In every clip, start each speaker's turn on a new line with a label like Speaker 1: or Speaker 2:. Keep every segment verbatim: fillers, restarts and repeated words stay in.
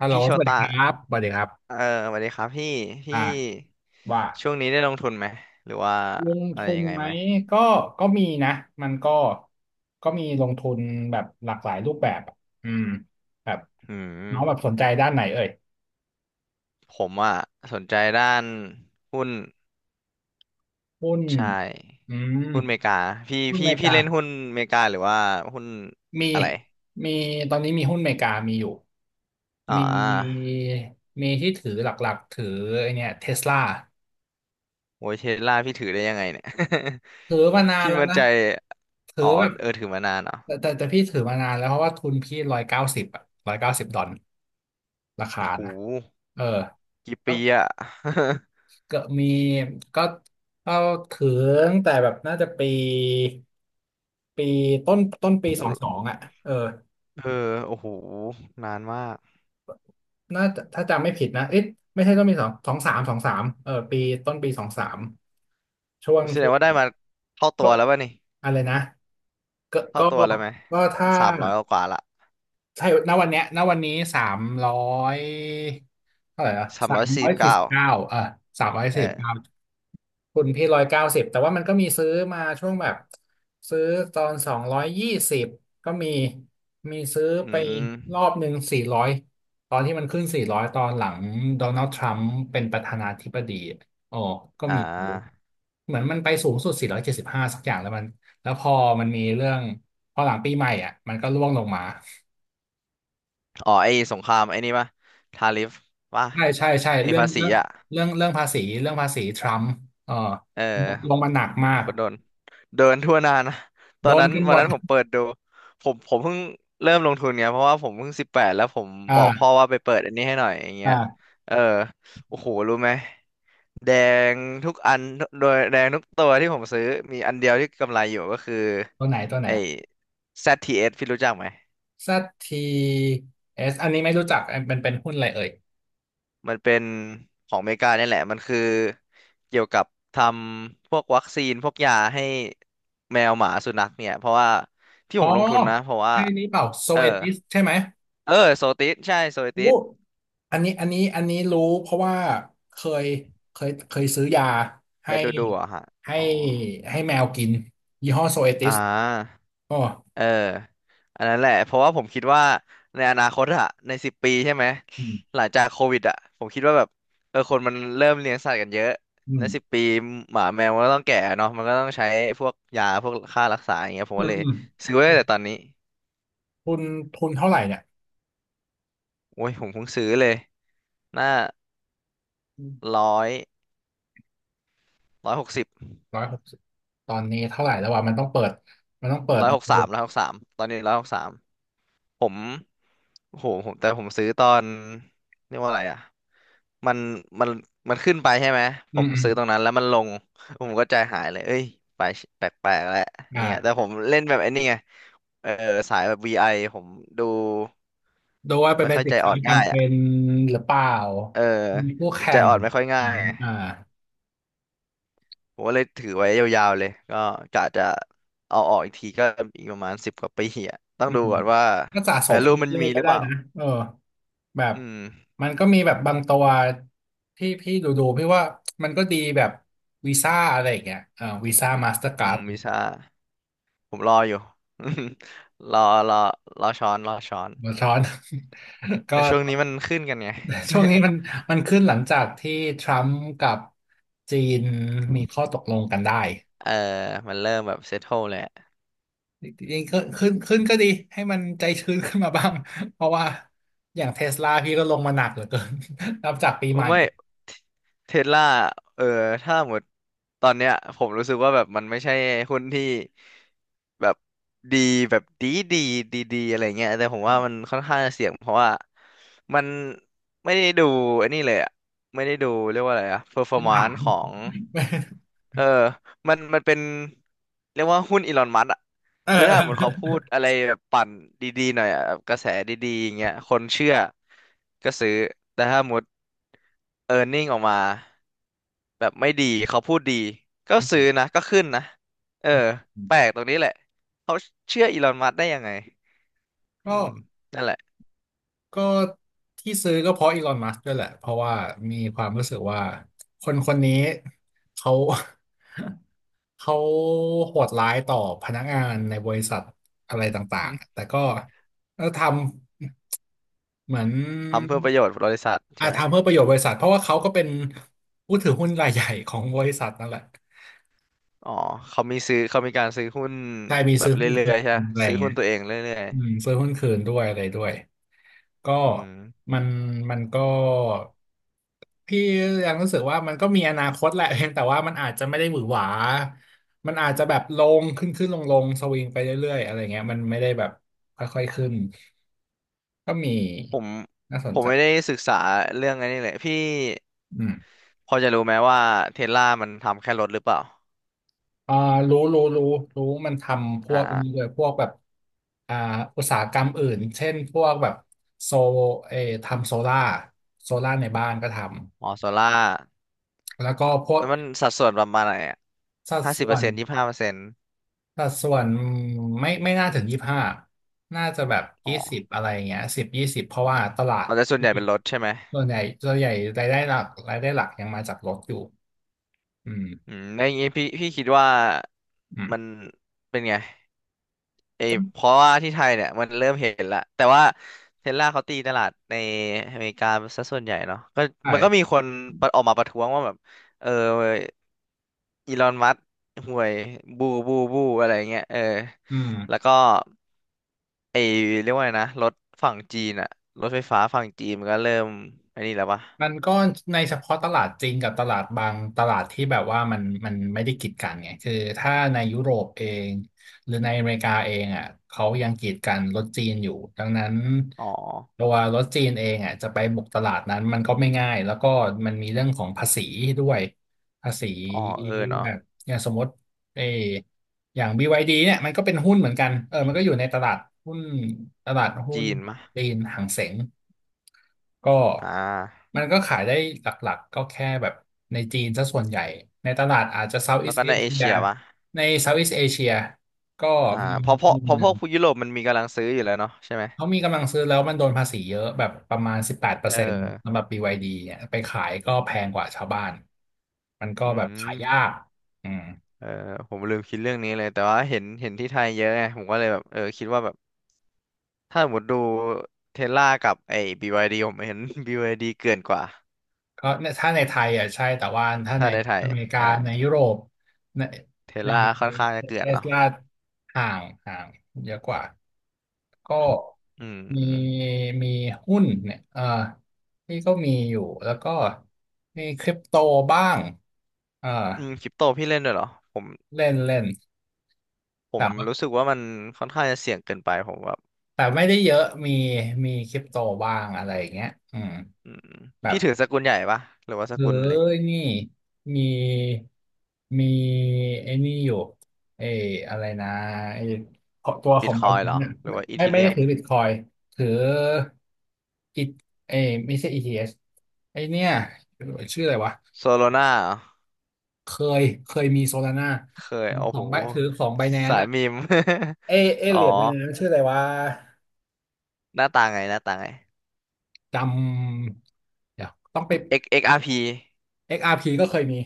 Speaker 1: ฮัลโหล
Speaker 2: พี่โช
Speaker 1: สวัสดี
Speaker 2: ตะ
Speaker 1: ครับสวัสดีครั
Speaker 2: เอ
Speaker 1: บ
Speaker 2: อสวัสดีครับพี่พี่
Speaker 1: อ่าว่า
Speaker 2: ช่วงนี้ได้ลงทุนไหมหรือว่า
Speaker 1: ลง
Speaker 2: อะไร
Speaker 1: ทุน
Speaker 2: ยังไง
Speaker 1: ไหม
Speaker 2: ไหม
Speaker 1: ก็ก็มีนะมันก็ก็มีลงทุนแบบหลากหลายรูปแบบอะอืมแบบ
Speaker 2: อื
Speaker 1: น้
Speaker 2: ม
Speaker 1: องแบบสนใจด้านไหนเอ่ย
Speaker 2: ผมอ่ะสนใจด้านหุ้น
Speaker 1: หุ้น
Speaker 2: ใช่
Speaker 1: อืม
Speaker 2: หุ้นเมกาพี่
Speaker 1: หุ้นอ
Speaker 2: พี่
Speaker 1: เมริ
Speaker 2: พี่
Speaker 1: กา
Speaker 2: เล่นหุ้นเมกาหรือว่าหุ้น
Speaker 1: มี
Speaker 2: อะไร
Speaker 1: มีตอนนี้มีหุ้นอเมริกามีอยู่
Speaker 2: อ่
Speaker 1: มี
Speaker 2: า
Speaker 1: มีที่ถือหลักๆถือไอเนี่ยเทสลา
Speaker 2: โอ้ยเทสลาพี่ถือได้ยังไงเนี่ย
Speaker 1: ถือมานา น
Speaker 2: พี่
Speaker 1: แล้ว
Speaker 2: มั่น
Speaker 1: นะ
Speaker 2: ใจ
Speaker 1: ถือ
Speaker 2: อ๋อ
Speaker 1: แบบ
Speaker 2: เออถือมานานเหรอ่ะ
Speaker 1: แต่แต่แต่พี่ถือมานานแล้วเพราะว่าทุนพี่ร้อยเก้าสิบอะร้อยเก้าสิบดอลราคา
Speaker 2: โอ้โห
Speaker 1: นะเออ
Speaker 2: กี่
Speaker 1: แล้
Speaker 2: ปี
Speaker 1: ว
Speaker 2: อ่ะ
Speaker 1: กดมีก็ก็ถือ้งแต่แบบน่าจะปีปีต้นต้น ปี
Speaker 2: โอ้โห
Speaker 1: สองสองอ่ะเออ
Speaker 2: เออโอ้โหนานมาก
Speaker 1: น่าจะถ้าจำไม่ผิดนะเอ๊ะไม่ใช่ต้นปีสองสองสามสองสามเออปีต้นปีสองสามช่วง
Speaker 2: แสดง
Speaker 1: ที่
Speaker 2: ว่าได้มาเท่าตัวแล้วป่ะนี่
Speaker 1: อะไรนะก็
Speaker 2: เท่า
Speaker 1: ก็
Speaker 2: ตัวแล้วไหม
Speaker 1: ก็
Speaker 2: มั
Speaker 1: ถ้า
Speaker 2: นสามร้อยกว่าละ
Speaker 1: ใช่ณวันเนี้ยณวันนี้สามร้อยเท่าไหร่ละ
Speaker 2: สาม
Speaker 1: สา
Speaker 2: ร้
Speaker 1: ม
Speaker 2: อยสี่
Speaker 1: ร้อ
Speaker 2: สิ
Speaker 1: ย
Speaker 2: บ
Speaker 1: สี่
Speaker 2: เก้า
Speaker 1: สิบเก้าเออสามร้อย
Speaker 2: เอ
Speaker 1: สี่สิบ
Speaker 2: อ
Speaker 1: เก้าคุณพี่ร้อยเก้าสิบแต่ว่ามันก็มีซื้อมาช่วงแบบซื้อตอนสองร้อยยี่สิบก็มีมีซื้อ
Speaker 2: อื
Speaker 1: ไป
Speaker 2: ม
Speaker 1: รอบหนึ่งสี่ร้อยตอนที่มันขึ้นสี่ร้อยตอนหลังโดนัลด์ทรัมป์เป็นประธานาธิบดีอ๋อก็
Speaker 2: อ่
Speaker 1: มีซื้อ
Speaker 2: า
Speaker 1: เหมือนมันไปสูงสุดสี่ร้อยเจ็ดสิบห้าสบห้าสักอย่างแล้วมัน แล้วพอมันมีเรื่องพอหลังปีใหม่อ่ะมันก็ร่วงลงมา
Speaker 2: อ๋อไอ้สงครามไอ้นี่ป่ะทาริฟป่ะ
Speaker 1: ใช่ใช่ใช่
Speaker 2: ไอ้
Speaker 1: เรื่อง
Speaker 2: ภาษี
Speaker 1: เรื่อง
Speaker 2: อ่ะ
Speaker 1: เรื่องเรื่องภาษีเรื่องภาษีทรัมป์เออ
Speaker 2: เอ
Speaker 1: ลง
Speaker 2: อ
Speaker 1: มาหนักมา
Speaker 2: ผม
Speaker 1: ก
Speaker 2: ก็โดนโดนทั่วหน้านะตอ
Speaker 1: โด
Speaker 2: น
Speaker 1: น
Speaker 2: นั้น
Speaker 1: กันห
Speaker 2: วั
Speaker 1: ม
Speaker 2: น
Speaker 1: ด
Speaker 2: นั้นผมเปิดดูผมผมเพิ่งเริ่มลงทุนไงเพราะว่าผมเพิ่งสิบแปดแล้วผมบอกพ่อ
Speaker 1: อ่า
Speaker 2: ว่าไปเปิดอันนี้ให้หน่อยอย่างเงี้ย
Speaker 1: อ่า
Speaker 2: เออโอ้โหรู้ไหม แดงทุกอันโดยแดงทุกตัวที่ผมซื้อมีอันเดียวที่กำไรอยู่ก็คือ
Speaker 1: ตัวไหนตัวไหน
Speaker 2: ไอ้แซดทีเ t สพี่รู้จักไหม
Speaker 1: ซั แซด ที เอส อสอันนี้ไม่รู้จักอันเป็นเป็นหุ้นอะไรเอ่ย
Speaker 2: มันเป็นของอเมริกาเนี่ยแหละมันคือเกี่ยวกับทำพวกวัคซีนพวกยาให้แมวหมาสุนัขเนี่ยเพราะว่าที่
Speaker 1: อ๋
Speaker 2: ผ
Speaker 1: อ
Speaker 2: มลงทุนนะเพราะว่า
Speaker 1: ใช่นี้เปล่าโซ
Speaker 2: เออ
Speaker 1: เอติสใช่ไหม
Speaker 2: เออโซติสใช่โซ
Speaker 1: อู้
Speaker 2: ติส
Speaker 1: อันนี้อันนี้อันนี้รู้เพราะว่าเคยเคยเคยซื้อยา
Speaker 2: เค
Speaker 1: ให้
Speaker 2: ยดูดูเหรอ่ะฮะ
Speaker 1: ให้
Speaker 2: อ๋อ
Speaker 1: ให้แมวกินยี่ห้อโซเอติ
Speaker 2: อ่า
Speaker 1: สอ๋อ
Speaker 2: เอออันนั้นแหละเพราะว่าผมคิดว่าในอนาคตอะในสิบปีใช่ไหม
Speaker 1: อืม
Speaker 2: หลังจากโควิดอะผมคิดว่าแบบเออคนมันเริ่มเลี้ยงสัตว์กันเยอะ
Speaker 1: อื
Speaker 2: ในสิบ
Speaker 1: ม
Speaker 2: ปีหมาแมวมันก็ต้องแก่เนาะมันก็ต้องใช้พวกยาพวกค่ารักษาอย่างเงี้ยผม
Speaker 1: อื
Speaker 2: ก็
Speaker 1: ม
Speaker 2: เลย
Speaker 1: อืม
Speaker 2: ซื้อไว้ตั้งแต่ตอนนี้
Speaker 1: ทุนทุนเท่าไหร่เนี่ย
Speaker 2: โอ้ยผมเพิ่งซื้อเลยหน้าร้อยร้อยหกสิบ
Speaker 1: ร้อยหกสิบตอนนี้เท่าไหร่แล้ววะมันต้องเปิดมันต้องเปิด
Speaker 2: ร้อยหก
Speaker 1: ดู
Speaker 2: สามร้อยหกสามตอนนี้ร้อยหกสามผมโอ้โหผมแต่ผมซื้อตอนเรียกว่าอะไรอะ มันมันมันขึ้นไปใช่ไหม
Speaker 1: อื
Speaker 2: ผ
Speaker 1: ม
Speaker 2: ม
Speaker 1: อืม
Speaker 2: ซื้อตรงนั้นแล้วมันลง ผมก็ใจหายเลยเอ้ยไปแปลกๆแล้วอ
Speaker 1: อ
Speaker 2: ย่างเงี้ยแต่ผ
Speaker 1: ่า
Speaker 2: มเล่นแบบไอ้นี่ไงเออสายแบบ วี ไอ ผมดู
Speaker 1: ดูว่าเป็น
Speaker 2: ไม่ค่อย
Speaker 1: สิ
Speaker 2: ใจ
Speaker 1: น
Speaker 2: อ่
Speaker 1: ค้า
Speaker 2: อนง่าย
Speaker 1: จำ
Speaker 2: อ่ะ
Speaker 1: เป็นหรือเปล่า
Speaker 2: เออ
Speaker 1: มีคู่
Speaker 2: ผม
Speaker 1: แข่
Speaker 2: ใจ
Speaker 1: ง
Speaker 2: อ่อนไม่ค่อย
Speaker 1: ไห
Speaker 2: ง่า
Speaker 1: ม
Speaker 2: ยไง
Speaker 1: อ่า
Speaker 2: ผมก็เลยถือไว้ยาวๆเลยก็กะจะเอาออกอีกทีก็อีกประมาณสิบกว่าปีอ่ะต้อ
Speaker 1: อื
Speaker 2: งดู
Speaker 1: ม
Speaker 2: ก่อนว่า
Speaker 1: ก็สะสม
Speaker 2: value
Speaker 1: ไป
Speaker 2: มัน
Speaker 1: เรื่อ
Speaker 2: มี
Speaker 1: ยๆ
Speaker 2: ห
Speaker 1: ก็
Speaker 2: รือ
Speaker 1: ได้
Speaker 2: เปล่า
Speaker 1: นะเออแบบ
Speaker 2: อืม
Speaker 1: มันก็มีแบบบางตัวที่พี่ดูดูพี่ว่ามันก็ดีแบบวีซ่าอะไรอย่างเงี้ยเออวีซ่ามาสเตอร์กา
Speaker 2: อื
Speaker 1: ร์
Speaker 2: ม
Speaker 1: ด
Speaker 2: วิชาผมรออยู่ รอรอรอช้อนรอช้อน
Speaker 1: หัวซ้อน ก็
Speaker 2: แต่ช่วงนี้มันขึ้นกันไง
Speaker 1: ช่วงนี้มันมันขึ้นหลังจากที่ทรัมป์กับจีนมีข้อตกลงกันได้
Speaker 2: เออมันเริ่มแบบเซ t โ e เลยอะ
Speaker 1: จริงๆก็ขึ้นขึ้นก็ดีให้มันใจชื้นขึ้นมาบ้าง เพราะว่าอย่างเทสลาพี่ก็ลงมาหนักเหลือเกิน นับจากปีใหม่
Speaker 2: ไม่ เทสลาเออ ถ้าหมดตอนเนี้ยผมรู้สึกว่าแบบมันไม่ใช่หุ้นที่แบบดีแบบดีดีดีดีอะไรเงี้ยแต่ผมว่ามันค่อนข้างจะเสี่ยงเพราะว่ามันไม่ได้ดูไอันนี้เลยอะไม่ได้ดูเรียกว่าอะไรอะเ e อร์ฟอ
Speaker 1: ขึ้
Speaker 2: ร์
Speaker 1: น
Speaker 2: มาน
Speaker 1: ฐา
Speaker 2: ซ์
Speaker 1: น
Speaker 2: ของ เออมัน มันเป็นเรียกว่าหุ้นอีลอนมัสก์อะ
Speaker 1: เอ
Speaker 2: คือถ้าสมมติเขา
Speaker 1: อ
Speaker 2: พูดอะไรแบบปั่นดีๆหน่อยอะแบบกระแสดีๆอย่างเงี้ยคนเชื่อก็ซื้อแต่ถ้าสมมติเออร์เน็งออกมาแบบไม่ดีเขาพูดดีก็ซื้อนะก็ขึ้นนะเออแปลก ตรงนี้แหละเขาเชื่ออีลอนมัสก์ได้ยังไงอื
Speaker 1: ก็
Speaker 2: มนั่นแหละ
Speaker 1: ก็ที่ซื้อก็เพราะอีลอนมัสก์ด้วยแหละเพราะว่ามีความรู้สึกว่าคนคนนี้เขา เขาโหดร้ายต่อพนักงานในบริษัทอะไรต่างๆ แต่ก็ก็ทำเหมือน
Speaker 2: ทำเพื่อประโยชน์บริษัท
Speaker 1: อา
Speaker 2: ใช่ไหม
Speaker 1: ทำเพื่อประโยชน์บริษัทเพราะว่าเขาก็เป็นผู้ถือหุ้นรายใหญ่ของบริษัทนั่นแหละ
Speaker 2: อ๋อเขามีซื้อเขามีการซื้อหุ้น
Speaker 1: ใช่มี
Speaker 2: แบ
Speaker 1: ซื้
Speaker 2: บ
Speaker 1: อหุ้น
Speaker 2: เรื่
Speaker 1: คื
Speaker 2: อ
Speaker 1: น
Speaker 2: ยๆใช่ปะ
Speaker 1: อะไรอ
Speaker 2: ซื้
Speaker 1: ย่า
Speaker 2: อ
Speaker 1: งเงี้
Speaker 2: หุ้น
Speaker 1: ย
Speaker 2: ตัวเองเรื่อย
Speaker 1: อืมซื้อหุ้นคืนด้วยอะไรด้วย ก็
Speaker 2: ๆอืม
Speaker 1: มันมันก็พี่ยังรู้สึกว่ามันก็มีอนาคตแหละ เพียงแต่ว่ามันอาจจะไม่ได้หวือหวามันอาจจะแบบลงขึ้นขึ้นลงลงสวิงไปเรื่อยๆอะไรเงี้ยมันไม่ได้แบบค่อยๆขึ้นก็มี
Speaker 2: ผม
Speaker 1: น่าส
Speaker 2: ผ
Speaker 1: น
Speaker 2: ม
Speaker 1: ใจ
Speaker 2: ไม่ได้ศึกษาเรื่องอันนี้เลยพี่
Speaker 1: อืม
Speaker 2: พอจะรู้ไหมว่าเทสลามันทำแค่รถหรือเปล่า
Speaker 1: อ่ารู้รู้รู้รู้มันทำพวกนี้
Speaker 2: อ่า
Speaker 1: เลยพวกแบบอ่าอุตสาหกรรมอื่นเช่นพวกแบบโซเออทำโซล่าโซล่าในบ้านก็ท
Speaker 2: อ๋อโซล่า
Speaker 1: ำแล้วก็พวก
Speaker 2: แล้วมันสัดส่วนประมาณไหนอ่ะ
Speaker 1: สัด
Speaker 2: ห้าสิบ
Speaker 1: ส่
Speaker 2: เป
Speaker 1: ว
Speaker 2: อร์
Speaker 1: น
Speaker 2: เซ็นต์ยี่สิบห้าเปอร์เซ็นต์
Speaker 1: สัดส่วนไม่ไม่น่าถึงยี่สิบห้าน่าจะแบบ
Speaker 2: อ๋อ
Speaker 1: ยี่สิบอะไรอย่างเงี้ยสิบยี่สิบเพราะว่าตลาด
Speaker 2: เอาแต่ส่วนให
Speaker 1: ที่
Speaker 2: ญ่เป็นรถใช่ไหม
Speaker 1: ส่วนใหญ่ส่วนใหญ่รายได้หลักรายได้หลักยังมาจากรถอยู่อืม
Speaker 2: อืมในอย่างงี้พี่พี่คิดว่า
Speaker 1: อืม
Speaker 2: มันเป็นไงไอ
Speaker 1: ก็
Speaker 2: เพราะว่าที่ไทยเนี่ยมันเริ่มเห็นละแต่ว่าเทสลาเขาตีตลาดในอเมริกาซะส่วนใหญ่เนาะก็มันก็มี
Speaker 1: ใช่
Speaker 2: คนประออกมาประท้วงว่าแบบเออ อีลอนมัสก์ห่วยบูบูบูอะไรเงี้ยเออ
Speaker 1: อืม
Speaker 2: แล้วก็ไอเรียกว่าไงนะรถฝั่งจีนอะรถไฟฟ้าฝั่งจีนมันก็เริ่มไอ้นี่แล้วปะ
Speaker 1: มันก็ในเฉพาะตลาดจริงกับตลาดบางตลาดที่แบบว่ามันมันไม่ได้กีดกันไงคือถ้าในยุโรปเองหรือในอเมริกาเองอ่ะเขายังกีดกันรถจีนอยู่ดังนั้น
Speaker 2: อ๋อ
Speaker 1: ตัวรถจีนเองอ่ะจะไปบุกตลาดนั้นมันก็ไม่ง่ายแล้วก็มันมีเรื่องของภาษีด้วยภาษี
Speaker 2: อ๋อเออเนาะ
Speaker 1: แบบอย่างสมมติ เอออย่าง บี วาย ดี เนี่ยมันก็เป็นหุ้นเหมือนกันเออมันก็อยู่ในตลาดหุ้นตลาดหุ้
Speaker 2: จี
Speaker 1: น
Speaker 2: นมะ
Speaker 1: จีนหางเส็งก็
Speaker 2: อ่า
Speaker 1: มันก็ขายได้หลักๆก็แค่แบบในจีนซะส่วนใหญ่ ในตลาดอาจจะ
Speaker 2: แล้ว
Speaker 1: Southeast
Speaker 2: ก็ในเอ
Speaker 1: Asia
Speaker 2: เชียปะ
Speaker 1: ใน Southeast Asia ก็
Speaker 2: อ่า
Speaker 1: มี
Speaker 2: เพราะเพราะ
Speaker 1: มุม
Speaker 2: เพ
Speaker 1: ห
Speaker 2: ราะพ
Speaker 1: นึ่ง
Speaker 2: วกผู้ยุโรปมันมีกำลังซื้ออยู่แล้วเนาะใช่ไหม
Speaker 1: เขามีกำลังซื้อแล้วมันโดนภาษีเยอะแบบประมาณ
Speaker 2: เอ
Speaker 1: สิบแปดเปอร์เซ็นต์สำห
Speaker 2: อ
Speaker 1: รับ บี วาย ดี เนี่ยไปขายก็แพงกว่าชาวบ้าน มันก็
Speaker 2: อื
Speaker 1: แบบขายยา
Speaker 2: ม
Speaker 1: กอืม
Speaker 2: เออผมลืมคิดเรื่องนี้เลยแต่ว่าเห็นเห็นที่ไทยเยอะไงผมก็เลยแบบเออคิดว่าแบบถ้าสมมติดูเทสลากับไอ้บีวายดีผมเห็น บีวายดีเกินกว่า
Speaker 1: ก็ในถ้าในไทยอ่ะใช่แต่ว่าถ้า
Speaker 2: ถ้า
Speaker 1: ใน
Speaker 2: ในไท
Speaker 1: อ
Speaker 2: ย
Speaker 1: เมริกาใน
Speaker 2: ใช่
Speaker 1: ยุโรปใน
Speaker 2: เท
Speaker 1: ใน
Speaker 2: ล่าค่อนข้างจะเกลื่
Speaker 1: เท
Speaker 2: อน
Speaker 1: ส
Speaker 2: เนาะ
Speaker 1: ลาห่างห่างเยอะกว่าก็
Speaker 2: อืม
Speaker 1: มีมีหุ้นเนี่ยเออที่ก็มีอยู่แล้วก็มีคริปโตบ้างเออ
Speaker 2: อืมคริปโตพี่เล่นด้วยเหรอผม
Speaker 1: เล่นเล่น
Speaker 2: ผ
Speaker 1: แต่
Speaker 2: ม
Speaker 1: ว่า
Speaker 2: รู้สึกว่ามันค่อนข้างจะเสี่ยงเกินไปผมแบบ
Speaker 1: แต่ไม่ได้เยอะมีมีคริปโตบ้างอะไรอย่างเงี้ยอืม
Speaker 2: อืม
Speaker 1: แบบ
Speaker 2: พี่ถือสกุลใหญ่ปะหรือว่าส
Speaker 1: เออ
Speaker 2: กุลเล็ก
Speaker 1: นี่มีมีไอ้นี่อยู่ไอ้อะไรนะไอ้ขอตัวข
Speaker 2: บิ
Speaker 1: อ
Speaker 2: ต
Speaker 1: ง
Speaker 2: ค
Speaker 1: มั
Speaker 2: อ
Speaker 1: น
Speaker 2: ยเหรอ
Speaker 1: เนี่ย
Speaker 2: หรือว่าอี
Speaker 1: ไม่
Speaker 2: ที
Speaker 1: ไม่ไม่
Speaker 2: เรี
Speaker 1: ได้
Speaker 2: ยม
Speaker 1: ถือบิตคอยถืออีไอ้ไม่ใช่ อี ที เอช ไอ้เนี่ยชื่ออะไรวะ
Speaker 2: โซโลนา
Speaker 1: เคยเคยมีโซลาร่า
Speaker 2: เคยโอ้
Speaker 1: ขอ
Speaker 2: โห
Speaker 1: งไบถือของไบแนน
Speaker 2: สาย
Speaker 1: อะ
Speaker 2: มีม
Speaker 1: เอเอ
Speaker 2: อ๋อ
Speaker 1: เหรียญไบแนนชื่ออะไรวะ
Speaker 2: หน้าตาไงหน้าตาไง
Speaker 1: จำเดี๋ยวต้องไป
Speaker 2: X เอ็กซ์ อาร์ พี
Speaker 1: เอ็กซ์ อาร์ พี กซ์อาร์พีก็เคยมี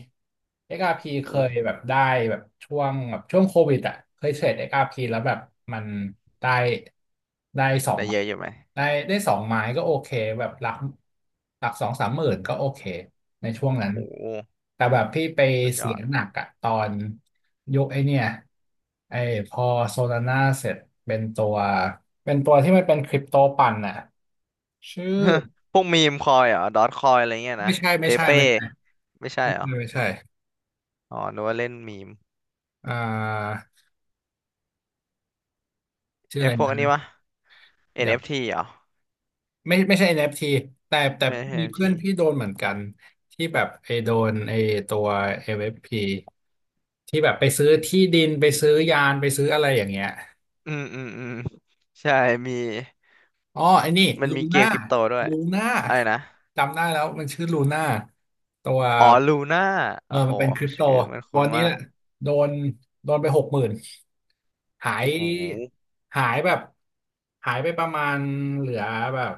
Speaker 1: เอ็กซ์ อาร์ พี
Speaker 2: โอ้
Speaker 1: เคย
Speaker 2: โห
Speaker 1: แบบได้แบบช่วงแบบช่วงโควิดอ่ะเคยเทรด เอ็กซ์ อาร์ พี แล้วแบบมันได้ได้สอ
Speaker 2: ได้
Speaker 1: ง
Speaker 2: เยอะอยู่ไหม
Speaker 1: ได้ได้สองไม้ก็โอเคแบบหลักหลักสองสามหมื่นก็โอเคในช่วงนั้น
Speaker 2: โอ้โห
Speaker 1: แต่แบบพี่ไป
Speaker 2: สุดย
Speaker 1: เสี
Speaker 2: อ
Speaker 1: ย
Speaker 2: ด
Speaker 1: หนักอะตอนยกไอเนี่ยไอพอโซลาน่าเสร็จเป็นตัวเป็นตัวที่มันเป็นคริปโตปั่นน่ะชื่อ
Speaker 2: พวกมีมคอยเหรอดอทคอยอะไรเงี้ย
Speaker 1: ไม่
Speaker 2: นะ
Speaker 1: ใช่
Speaker 2: เป
Speaker 1: ไม่ใช่
Speaker 2: เป้
Speaker 1: ไม่ใช่
Speaker 2: ไม่ใช่
Speaker 1: ไม่
Speaker 2: เหร
Speaker 1: ใช่
Speaker 2: อ
Speaker 1: ไม่ใช่
Speaker 2: อ๋อนึกว่าเล่นมีม
Speaker 1: อ่า ชื่อ
Speaker 2: ไอ้
Speaker 1: อะไร
Speaker 2: พวกอันนี้
Speaker 1: นะ
Speaker 2: วะ
Speaker 1: เดี๋ยว
Speaker 2: เอ็น เอฟ ที เอฟทีเหรอ
Speaker 1: ไม่ไม่ใช่ เอ็น เอฟ ที แต่แต่
Speaker 2: เออ
Speaker 1: มีเพื่อ
Speaker 2: เอ็น เอฟ ที
Speaker 1: น
Speaker 2: อนเอฟ
Speaker 1: พี่โด
Speaker 2: ที
Speaker 1: นเหมือนกันที่แบบไอโดนไอตัว เอ็ม เอฟ พี ที่แบบไปซื้อที่ดินไปซื้อยานไปซื้ออะไรอย่างเงี้ย
Speaker 2: อืมอืมอืมใช่มี
Speaker 1: อ๋อไอ้นี่
Speaker 2: มัน
Speaker 1: ลู
Speaker 2: มีเก
Speaker 1: น่า
Speaker 2: มคริปโตด้วย
Speaker 1: ลูน่า
Speaker 2: อะไรนะ
Speaker 1: จำได้แล้วมันชื่อลูน่าตัว
Speaker 2: อ๋อลูน่า
Speaker 1: เอ
Speaker 2: โอ้
Speaker 1: อ
Speaker 2: โห
Speaker 1: มันเป็นคริปโต
Speaker 2: ชื่อมันคุ้
Speaker 1: วั
Speaker 2: น
Speaker 1: นนี้
Speaker 2: มา
Speaker 1: แห
Speaker 2: ก
Speaker 1: ละโดนโดนไปหกหมื่นหาย
Speaker 2: โอ้โห
Speaker 1: หายแบบหายไปประมาณเหลือแบบ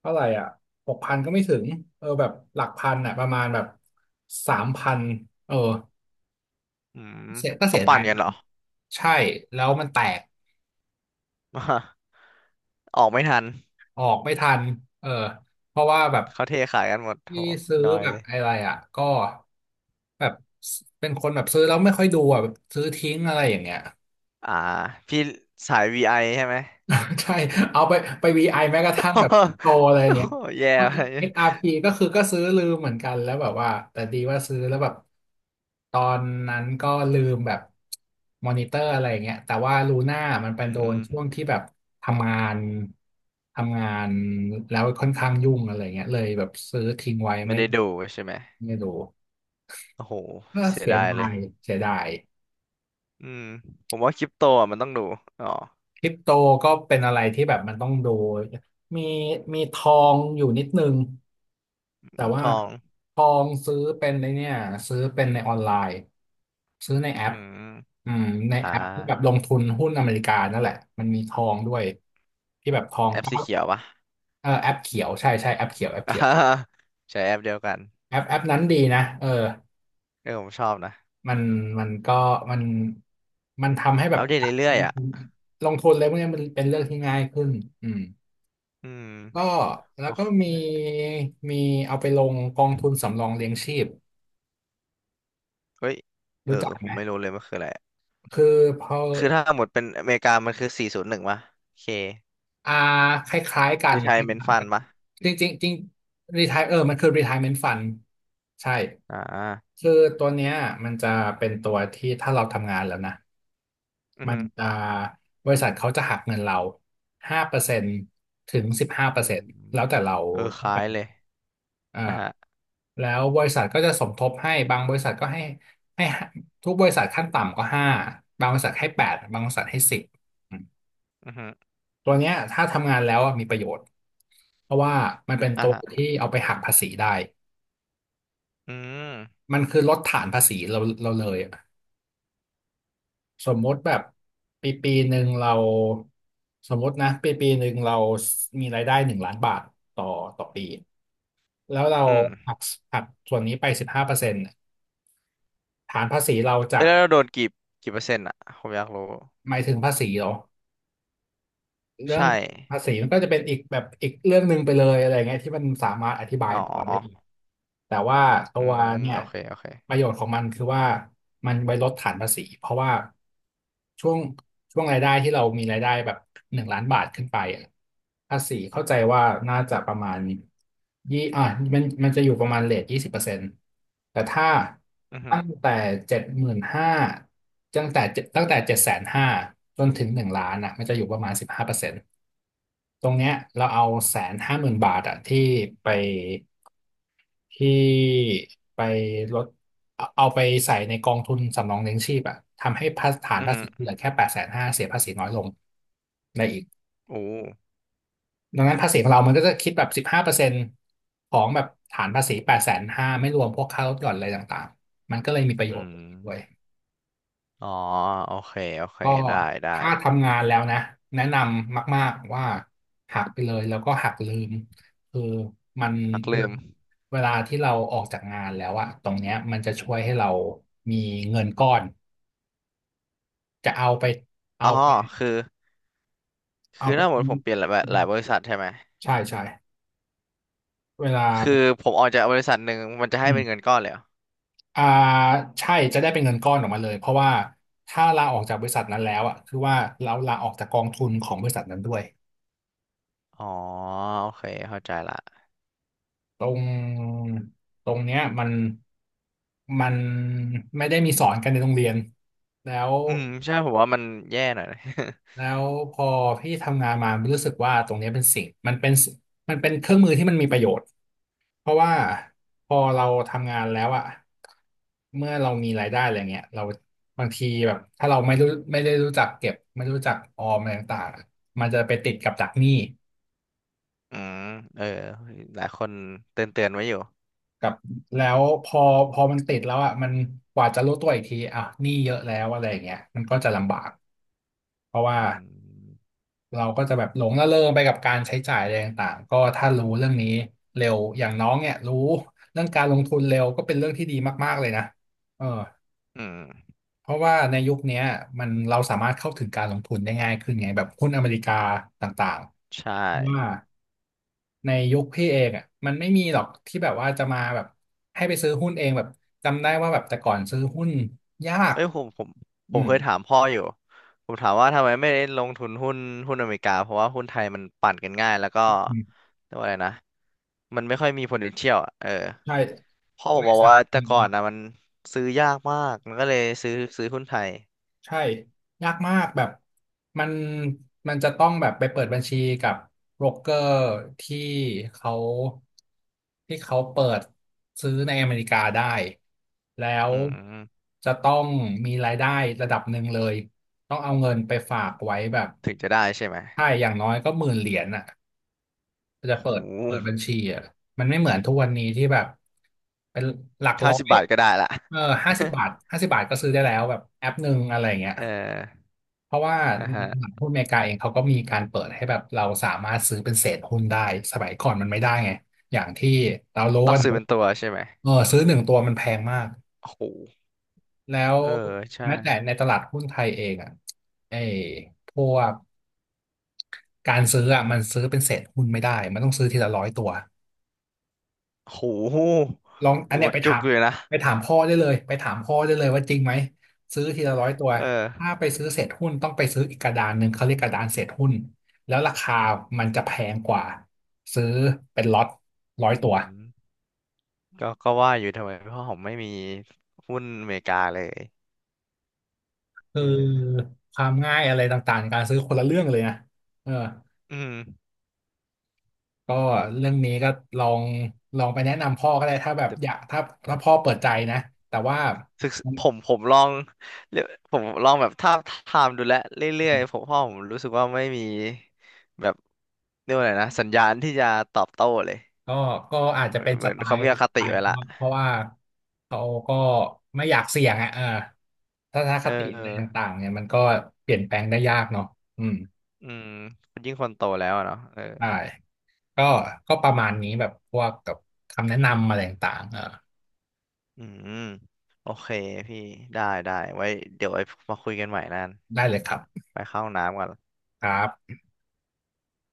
Speaker 1: เท่าไหร่อ่ะหกพันก็ไม่ถึงเออแบบหลักพันอ่ะประมาณแบบสามพันเออ
Speaker 2: อืม
Speaker 1: เสียก็
Speaker 2: เขา
Speaker 1: เสีย
Speaker 2: ปั่
Speaker 1: ดาย
Speaker 2: นกัน
Speaker 1: ตั
Speaker 2: เหร
Speaker 1: ง
Speaker 2: อ
Speaker 1: ค์ใช่แล้วมันแตก
Speaker 2: ออกไม่ทัน
Speaker 1: ออกไม่ทันเออเพราะว่าแบบ
Speaker 2: เขาเทขายกันหมดโห
Speaker 1: ที่ซื้อ
Speaker 2: ดอย
Speaker 1: แบ
Speaker 2: เล
Speaker 1: บ
Speaker 2: ย
Speaker 1: อะไรอ่ะก็แบบเป็นคนแบบซื้อแล้วไม่ค่อยดูอ่ะแบบซื้อทิ้งอะไรอย่างเงี้ย
Speaker 2: อ่าพี่สาย วี ไอ ใช่ไหม
Speaker 1: ใช่เอาไปไปวีไ i แม้กระทั่งแบบ โตอะไรอย่า
Speaker 2: โอ้
Speaker 1: งเงี้
Speaker 2: โห
Speaker 1: ย
Speaker 2: แย่ไป
Speaker 1: เอ็กซ์ อาร์ พี กซ์อาร์พีก็คือก็ซื้อลืมเหมือนกันแล้วแบบว่าแต่ดีว่าซื้อแล้วแบบตอนนั้นก็ลืมแบบมอนิเตอร์อะไรอย่างเงี้ยแต่ว่าลูน่ามันเป็น
Speaker 2: อื
Speaker 1: โดน
Speaker 2: ม
Speaker 1: ช่วงที่แบบทำงานทำงานแล้วค่อนข้างยุ่งอะไรเงี้ยเลยแบบซื้อทิ้งไว้
Speaker 2: ไม่
Speaker 1: ไม่
Speaker 2: ได้ดูใช่ไหม
Speaker 1: ไม่ดู
Speaker 2: โอ้โห
Speaker 1: ก็
Speaker 2: เสีย
Speaker 1: เสีย
Speaker 2: ดาย
Speaker 1: ดา
Speaker 2: เลย
Speaker 1: ยเสียดาย
Speaker 2: อืมผมว่าคริปโตอ่ะมันต้องดูอ๋อ
Speaker 1: คริปโตก็เป็นอะไรที่แบบมันต้องดูมีมีทองอยู่นิดนึง แต่ว่า
Speaker 2: ทอง
Speaker 1: ทองซื้อเป็นในเนี่ยซื้อเป็นในออนไลน์ซื้อในแอ
Speaker 2: อื
Speaker 1: ป
Speaker 2: ม
Speaker 1: อืมใน
Speaker 2: อ่า
Speaker 1: แอปที่แบบลงทุนหุ้นอเมริกานั่นแหละมันมีทองด้วยที่แบบทอง
Speaker 2: แอป
Speaker 1: เก้า
Speaker 2: สีเขียวปะ
Speaker 1: เออแอปเขียวใช่ใช่แอปเขียวแอปเขียว
Speaker 2: ใช้แอปเดียวกัน
Speaker 1: แอปแอปนั้นดีนะเออ
Speaker 2: เออผมชอบนะ
Speaker 1: มันมันก็มันมันทำให้แบ
Speaker 2: อั
Speaker 1: บ
Speaker 2: ปเดตเรื่
Speaker 1: ล
Speaker 2: อย
Speaker 1: ง
Speaker 2: ๆอ่ะ
Speaker 1: ทุนลงทุนอะไรพวกเนี้ยมันเป็นเรื่องที่ง่ายขึ้นอืม
Speaker 2: อืม
Speaker 1: ก็แล้
Speaker 2: โอ้
Speaker 1: วก็มีมีเอาไปลงกองทุนสำรองเลี้ยงชีพ
Speaker 2: เฮ้ยเอ
Speaker 1: รู้
Speaker 2: อ
Speaker 1: จัก
Speaker 2: ผ
Speaker 1: ไหม
Speaker 2: มไม่รู้เลยมันคืออะไร
Speaker 1: คือพอ
Speaker 2: คือถ้าหมดเป็นอเมริกามันคือสี่ศูนย์หนึ่งปะโอเค
Speaker 1: อ่าคล้ายๆกันค
Speaker 2: retirement
Speaker 1: ล้ายๆกั
Speaker 2: fund
Speaker 1: น
Speaker 2: ปะ
Speaker 1: จริงๆจริงรีทายเออมันคือ retirement fund ใช่
Speaker 2: อ่า
Speaker 1: คือตัวเนี้ยมันจะเป็นตัวที่ถ้าเราทำงานแล้วนะ
Speaker 2: อือ
Speaker 1: มัน
Speaker 2: ฮึ
Speaker 1: จะบริษัทเขาจะหักเงินเราห้าเปอร์เซ็นต์ถึงสิบห้าเปอ
Speaker 2: อื
Speaker 1: ร์เซ็
Speaker 2: ม
Speaker 1: นต์แล้วแต่เรา
Speaker 2: เออค
Speaker 1: ต้อง
Speaker 2: ล้า
Speaker 1: กา
Speaker 2: ย
Speaker 1: ร
Speaker 2: เลย
Speaker 1: เอ่า
Speaker 2: อ่ะฮะ
Speaker 1: แล้วบริษัทก็จะสมทบให้บางบริษัทก็ให้ให้ทุกบริษัทขั้นต่ำก็ห้าบางบริษัทให้แปดบางบริษัทให้สิบ
Speaker 2: อือฮึ
Speaker 1: ตัวเนี้ยถ้าทำงานแล้วอะมีประโยชน์เพราะว่ามันเป็น
Speaker 2: อ่ะ
Speaker 1: ตัว
Speaker 2: ฮะ
Speaker 1: ที่เอาไปหักภาษีได้
Speaker 2: อืม
Speaker 1: มันคือลดฐานภาษีเราเราเลยอะสมมติแบบปีปีหนึ่งเราสมมตินะปีปีหนึ่งเรามีรายได้หนึ่งล้านบาทต่อต่อปีแล้วเรา
Speaker 2: อื
Speaker 1: หั
Speaker 2: ม
Speaker 1: กหักส่วนนี้ไปสิบห้าเปอร์เซ็นต์ฐานภาษีเราจา
Speaker 2: แล้
Speaker 1: ก
Speaker 2: วเราโดนกี่กี่เปอร์เซ็นต์อ่ะผมอยากรู้
Speaker 1: หมายถึงภาษีเหรอ เรื่อ
Speaker 2: ใช่
Speaker 1: งภาษีมันก็จะเป็นอีกแบบอีกเรื่องหนึ่งไปเลยอะไรเงี้ยที่มันสามารถอธิบาย
Speaker 2: อ๋อ
Speaker 1: ต่อได้อีกแต่ว่าตั
Speaker 2: อื
Speaker 1: ว
Speaker 2: ม
Speaker 1: เนี่ย
Speaker 2: โอเคโอเค
Speaker 1: ประโยชน์ของมันคือว่ามันไว้ลดฐานภาษีเพราะว่าช่วงช่วงรายได้ที่เรามีรายได้แบบหนึ่งล้านบาทขึ้นไปอะภาษีเข้าใจว่าน่าจะประมาณยี่อ่ะมันมันจะอยู่ประมาณเรทยี่สิบเปอร์เซ็นต์ แต่ถ้า
Speaker 2: อือฮึ
Speaker 1: ตั้งแต่เจ็ดหมื่นห้าตั้งแต่เจ็ดตั้งแต่เจ็ดแสนห้าจนถึงหนึ่งล้านอ่ะมันจะอยู่ประมาณสิบห้าเปอร์เซ็นต์ตรงเนี้ยเราเอาแสนห้าหมื่นบาทอ่ะที่ไปที่ไปลดเอาเอาไปใส่ในกองทุนสำรองเลี้ยงชีพอ่ะทำให้ภาฐาน
Speaker 2: อือ
Speaker 1: ภา
Speaker 2: ฮึ
Speaker 1: ษีเหลือแค่แปดแสนห้าเสียภาษีน้อยลงได้อีก
Speaker 2: โอ้
Speaker 1: ดังนั้นภาษีของเรามันก็จะคิดแบบสิบห้าเปอร์เซ็นต์ของแบบฐานภาษีแปดแสนห้าไม่รวมพวกค่าลดหย่อนอะไรต่างๆมันก็เลยมีประโย
Speaker 2: อื
Speaker 1: ชน์
Speaker 2: ม
Speaker 1: ด้วย
Speaker 2: อ๋อโอเคโอเค
Speaker 1: ก็
Speaker 2: ได้ได้
Speaker 1: ถ้าทำงานแล้วนะแนะนำมากๆว่าหักไปเลยแล้วก็หักลืมคือมัน
Speaker 2: นัก
Speaker 1: เว
Speaker 2: ลื
Speaker 1: ลา
Speaker 2: ม
Speaker 1: เวลาที่เราออกจากงานแล้วอะตรงเนี้ยมันจะช่วยให้เรามีเงินก้อนจะเอาไปเอา
Speaker 2: อ๋อ
Speaker 1: ไป
Speaker 2: คือ
Speaker 1: เอา
Speaker 2: คือ
Speaker 1: ไป
Speaker 2: ถ้าหมดผมเปลี่ยนหลายหลายบริษัทใช่ไหม
Speaker 1: ใช่ใช่เวลา
Speaker 2: คือผมออกจากบริษัทหนึ่งมันจะ
Speaker 1: อื
Speaker 2: ให้เป็นเงิ
Speaker 1: ม
Speaker 2: นก้อนเลยเหรอ
Speaker 1: อ่าใช่จะได้เป็นเงินก้อนออกมาเลยเพราะว่าถ้าลาออกจากบริษัทนั้นแล้วอะคือว่าเราลาออกจากกองทุนของบริษัทนั้นด้วย
Speaker 2: อ๋อโอเคเข้าใจละ
Speaker 1: ตรงตรงเนี้ยมันมันไม่ได้มีสอนกันในโรงเรียนแล้ว
Speaker 2: อืมใช่ผมว่ามันแย่หน่อยนะ
Speaker 1: แล้ วพอพี่ทำงานมารู้สึกว่าตรงเนี้ยเป็นสิ่งมันเป็นมันเป็นเครื่องมือที่มันมีประโยชน์เพราะว่าพอเราทำงานแล้วอะเมื่อเรามีรายได้อะไรเงี้ยเราบางทีแบบถ้าเราไม่รู้ไม่ได้รู้จักเก็บไม่รู้จักออมอะไรต่างๆอะมันจะไปติดกับดักหนี้
Speaker 2: อืมเออหลายคนเตือนเตือนไว้อยู่
Speaker 1: กับแล้วพอพอมันติดแล้วอ่ะมันกว่าจะรู้ตัวอีกทีอ่ะหนี้เยอะแล้วอะไรอย่างเงี้ยมันก็จะลำบากเพราะว่า
Speaker 2: อืม
Speaker 1: เราก็จะแบบหลงระเริงไปกับการใช้จ่ายอะไรต่างๆก็ถ้ารู้เรื่องนี้เร็วอย่างน้องเนี่ยรู้เรื่องการลงทุนเร็วก็เป็นเรื่องที่ดีมากๆเลยนะเออ
Speaker 2: อืม
Speaker 1: เพราะว่าในยุคเนี้ยมันเราสามารถเข้าถึงการลงทุนได้ง่ายขึ้นไงแบบหุ้นอเมริกาต่าง
Speaker 2: ใช่
Speaker 1: ๆว่า ในยุคพี่เองอ่ะมันไม่มีหรอกที่แบบว่าจะมาแบบให้ไปซื้อหุ้นเองแบบจำได้ว่าแบบแต่ก่อนซื้อหุ้นยาก
Speaker 2: เอ้ยผมผมผ
Speaker 1: อื
Speaker 2: ม
Speaker 1: ม
Speaker 2: เคยถามพ่ออยู่ผมถามว่าทำไมไม่ลงทุนหุ้นหุ้นอเมริกาเพราะว่าหุ้นไทยมันปั่นกันง่ายแล้วก็
Speaker 1: อืม
Speaker 2: เรียกว่าอะไรนะมันไม่ค่อยมี potential อ่ะเออ
Speaker 1: ใช่
Speaker 2: พ่อ
Speaker 1: บ
Speaker 2: ผมบ
Speaker 1: ริ
Speaker 2: อก
Speaker 1: ษัท
Speaker 2: ว่าแต่ก่อนนะมันซื้อยากมากมันก็เลยซื้อซื้อหุ้นไทย
Speaker 1: ใช่ยากมากแบบมันมันจะต้องแบบไปเปิดบัญชีกับโบรกเกอร์ที่เขาที่เขาเปิดซื้อในอเมริกาได้แล้ว
Speaker 2: อืม
Speaker 1: จะต้องมีรายได้ระดับหนึ่งเลยต้องเอาเงินไปฝากไว้แบบ
Speaker 2: ถึงจะได้ใช่ไหม
Speaker 1: ใช่อย่างน้อยก็หมื่นเหรียญอ่ะจะ
Speaker 2: โอ้
Speaker 1: เปิ
Speaker 2: โห
Speaker 1: ดเปิดบัญชีอ่ะมันไม่เหมือนทุกวันนี้ที่แบบเป็นหลัก
Speaker 2: ห้า
Speaker 1: ร้อ
Speaker 2: สิบ
Speaker 1: ย
Speaker 2: บาทก็ได้ละ
Speaker 1: เออห้าสิบ บาทห้าสิบบาทก็ซื้อได้แล้วแบบแอปหนึ่งอะไรเงี้ย
Speaker 2: เออ
Speaker 1: เพราะว่า
Speaker 2: อ่ะ
Speaker 1: ใน
Speaker 2: ฮะ
Speaker 1: ตลาดหุ้นอเมริกาเองเขาก็มีการเปิดให้แบบเราสามารถซื้อเป็นเศษหุ้นได้สมัยก่อนมันไม่ได้ไงอย่างที่เรารู้
Speaker 2: ต้อ
Speaker 1: กั
Speaker 2: ง
Speaker 1: น
Speaker 2: ซื้อเป็น
Speaker 1: ว่า
Speaker 2: ตัวใช่ไหม
Speaker 1: เออซื้อหนึ่งตัวมันแพงมาก
Speaker 2: โอ้โห
Speaker 1: แล้ว
Speaker 2: เออใช่
Speaker 1: แม้แต่ในตลาดหุ้นไทยเองอ่ะไอ้พวกการซื้ออ่ะมันซื้อเป็นเศษหุ้นไม่ได้มันต้องซื้อทีละร้อยตัว
Speaker 2: โอ้โห
Speaker 1: ลองอั
Speaker 2: โอ้
Speaker 1: น
Speaker 2: โห
Speaker 1: เนี้ยไป
Speaker 2: จุ
Speaker 1: ถา
Speaker 2: ก
Speaker 1: ม
Speaker 2: เลยนะ
Speaker 1: ไปถามพ่อได้เลยไปถามพ่อได้เลยว่าจริงไหมซื้อทีละร้อยตัว
Speaker 2: เออ
Speaker 1: ถ้าไปซื้อเศษหุ้นต้องไปซื้ออีกกระดานหนึ่งเขาเรียกกระดานเศษหุ้นแล้วราคามันจะแพงกว่าซื้อเป็นล็อตร้อย
Speaker 2: อื
Speaker 1: ตัว
Speaker 2: ม ก็ก็ว่าอยู่ทำไมเพราะผมไม่มีหุ้นอเมริกาเลย
Speaker 1: คือ
Speaker 2: เออ
Speaker 1: ความง่ายอะไรต่างๆในการซื้อคนละเรื่องเลยนะเออ
Speaker 2: อืม
Speaker 1: ก็เรื่องนี้ก็ลองลองไปแนะนำพ่อก็ได้ถ้าแบบ
Speaker 2: แต่
Speaker 1: อยากถ้าถ้าพ่อเปิดใจนะแต่ว่า
Speaker 2: ศึกษผมผมลองเรียกผมลองแบบทาบทามดูแลวเรื่อยๆผมพ่อผมรู้สึกว่าไม่มีแบบเรียกว่าอะไรนะสัญญาณที่จะตอบโต้เลย
Speaker 1: ก็ก็อาจจะ
Speaker 2: เหมือ
Speaker 1: เป็
Speaker 2: น
Speaker 1: น
Speaker 2: เห
Speaker 1: ส
Speaker 2: มือน
Speaker 1: ไต
Speaker 2: เขา
Speaker 1: ล์
Speaker 2: มีอค
Speaker 1: สไต
Speaker 2: ติ
Speaker 1: ล์
Speaker 2: ไว้
Speaker 1: เขา
Speaker 2: ละ
Speaker 1: เพราะว่าเขาก็ไม่อยากเสี่ยงอ่ะเออทัศน
Speaker 2: เ
Speaker 1: คติอะไร
Speaker 2: ออ
Speaker 1: ต่างๆเนี่ยมันก็เปลี่ยนแปลงได้ยากเนาะอืม
Speaker 2: อืมยิ่งคนโตแล้วอะเนาะเออ
Speaker 1: ใช่ก็ก็ประมาณนี้แบบพวกกับคำแนะนำอะไรต่างๆเออ
Speaker 2: อืมโอเคพี่ได้ได้ไว้เดี๋ยวไว้มาคุยกันใหม่นั่น
Speaker 1: ได้เลยครับ
Speaker 2: ไปเข้าห้องน้ำก่อน
Speaker 1: ครับ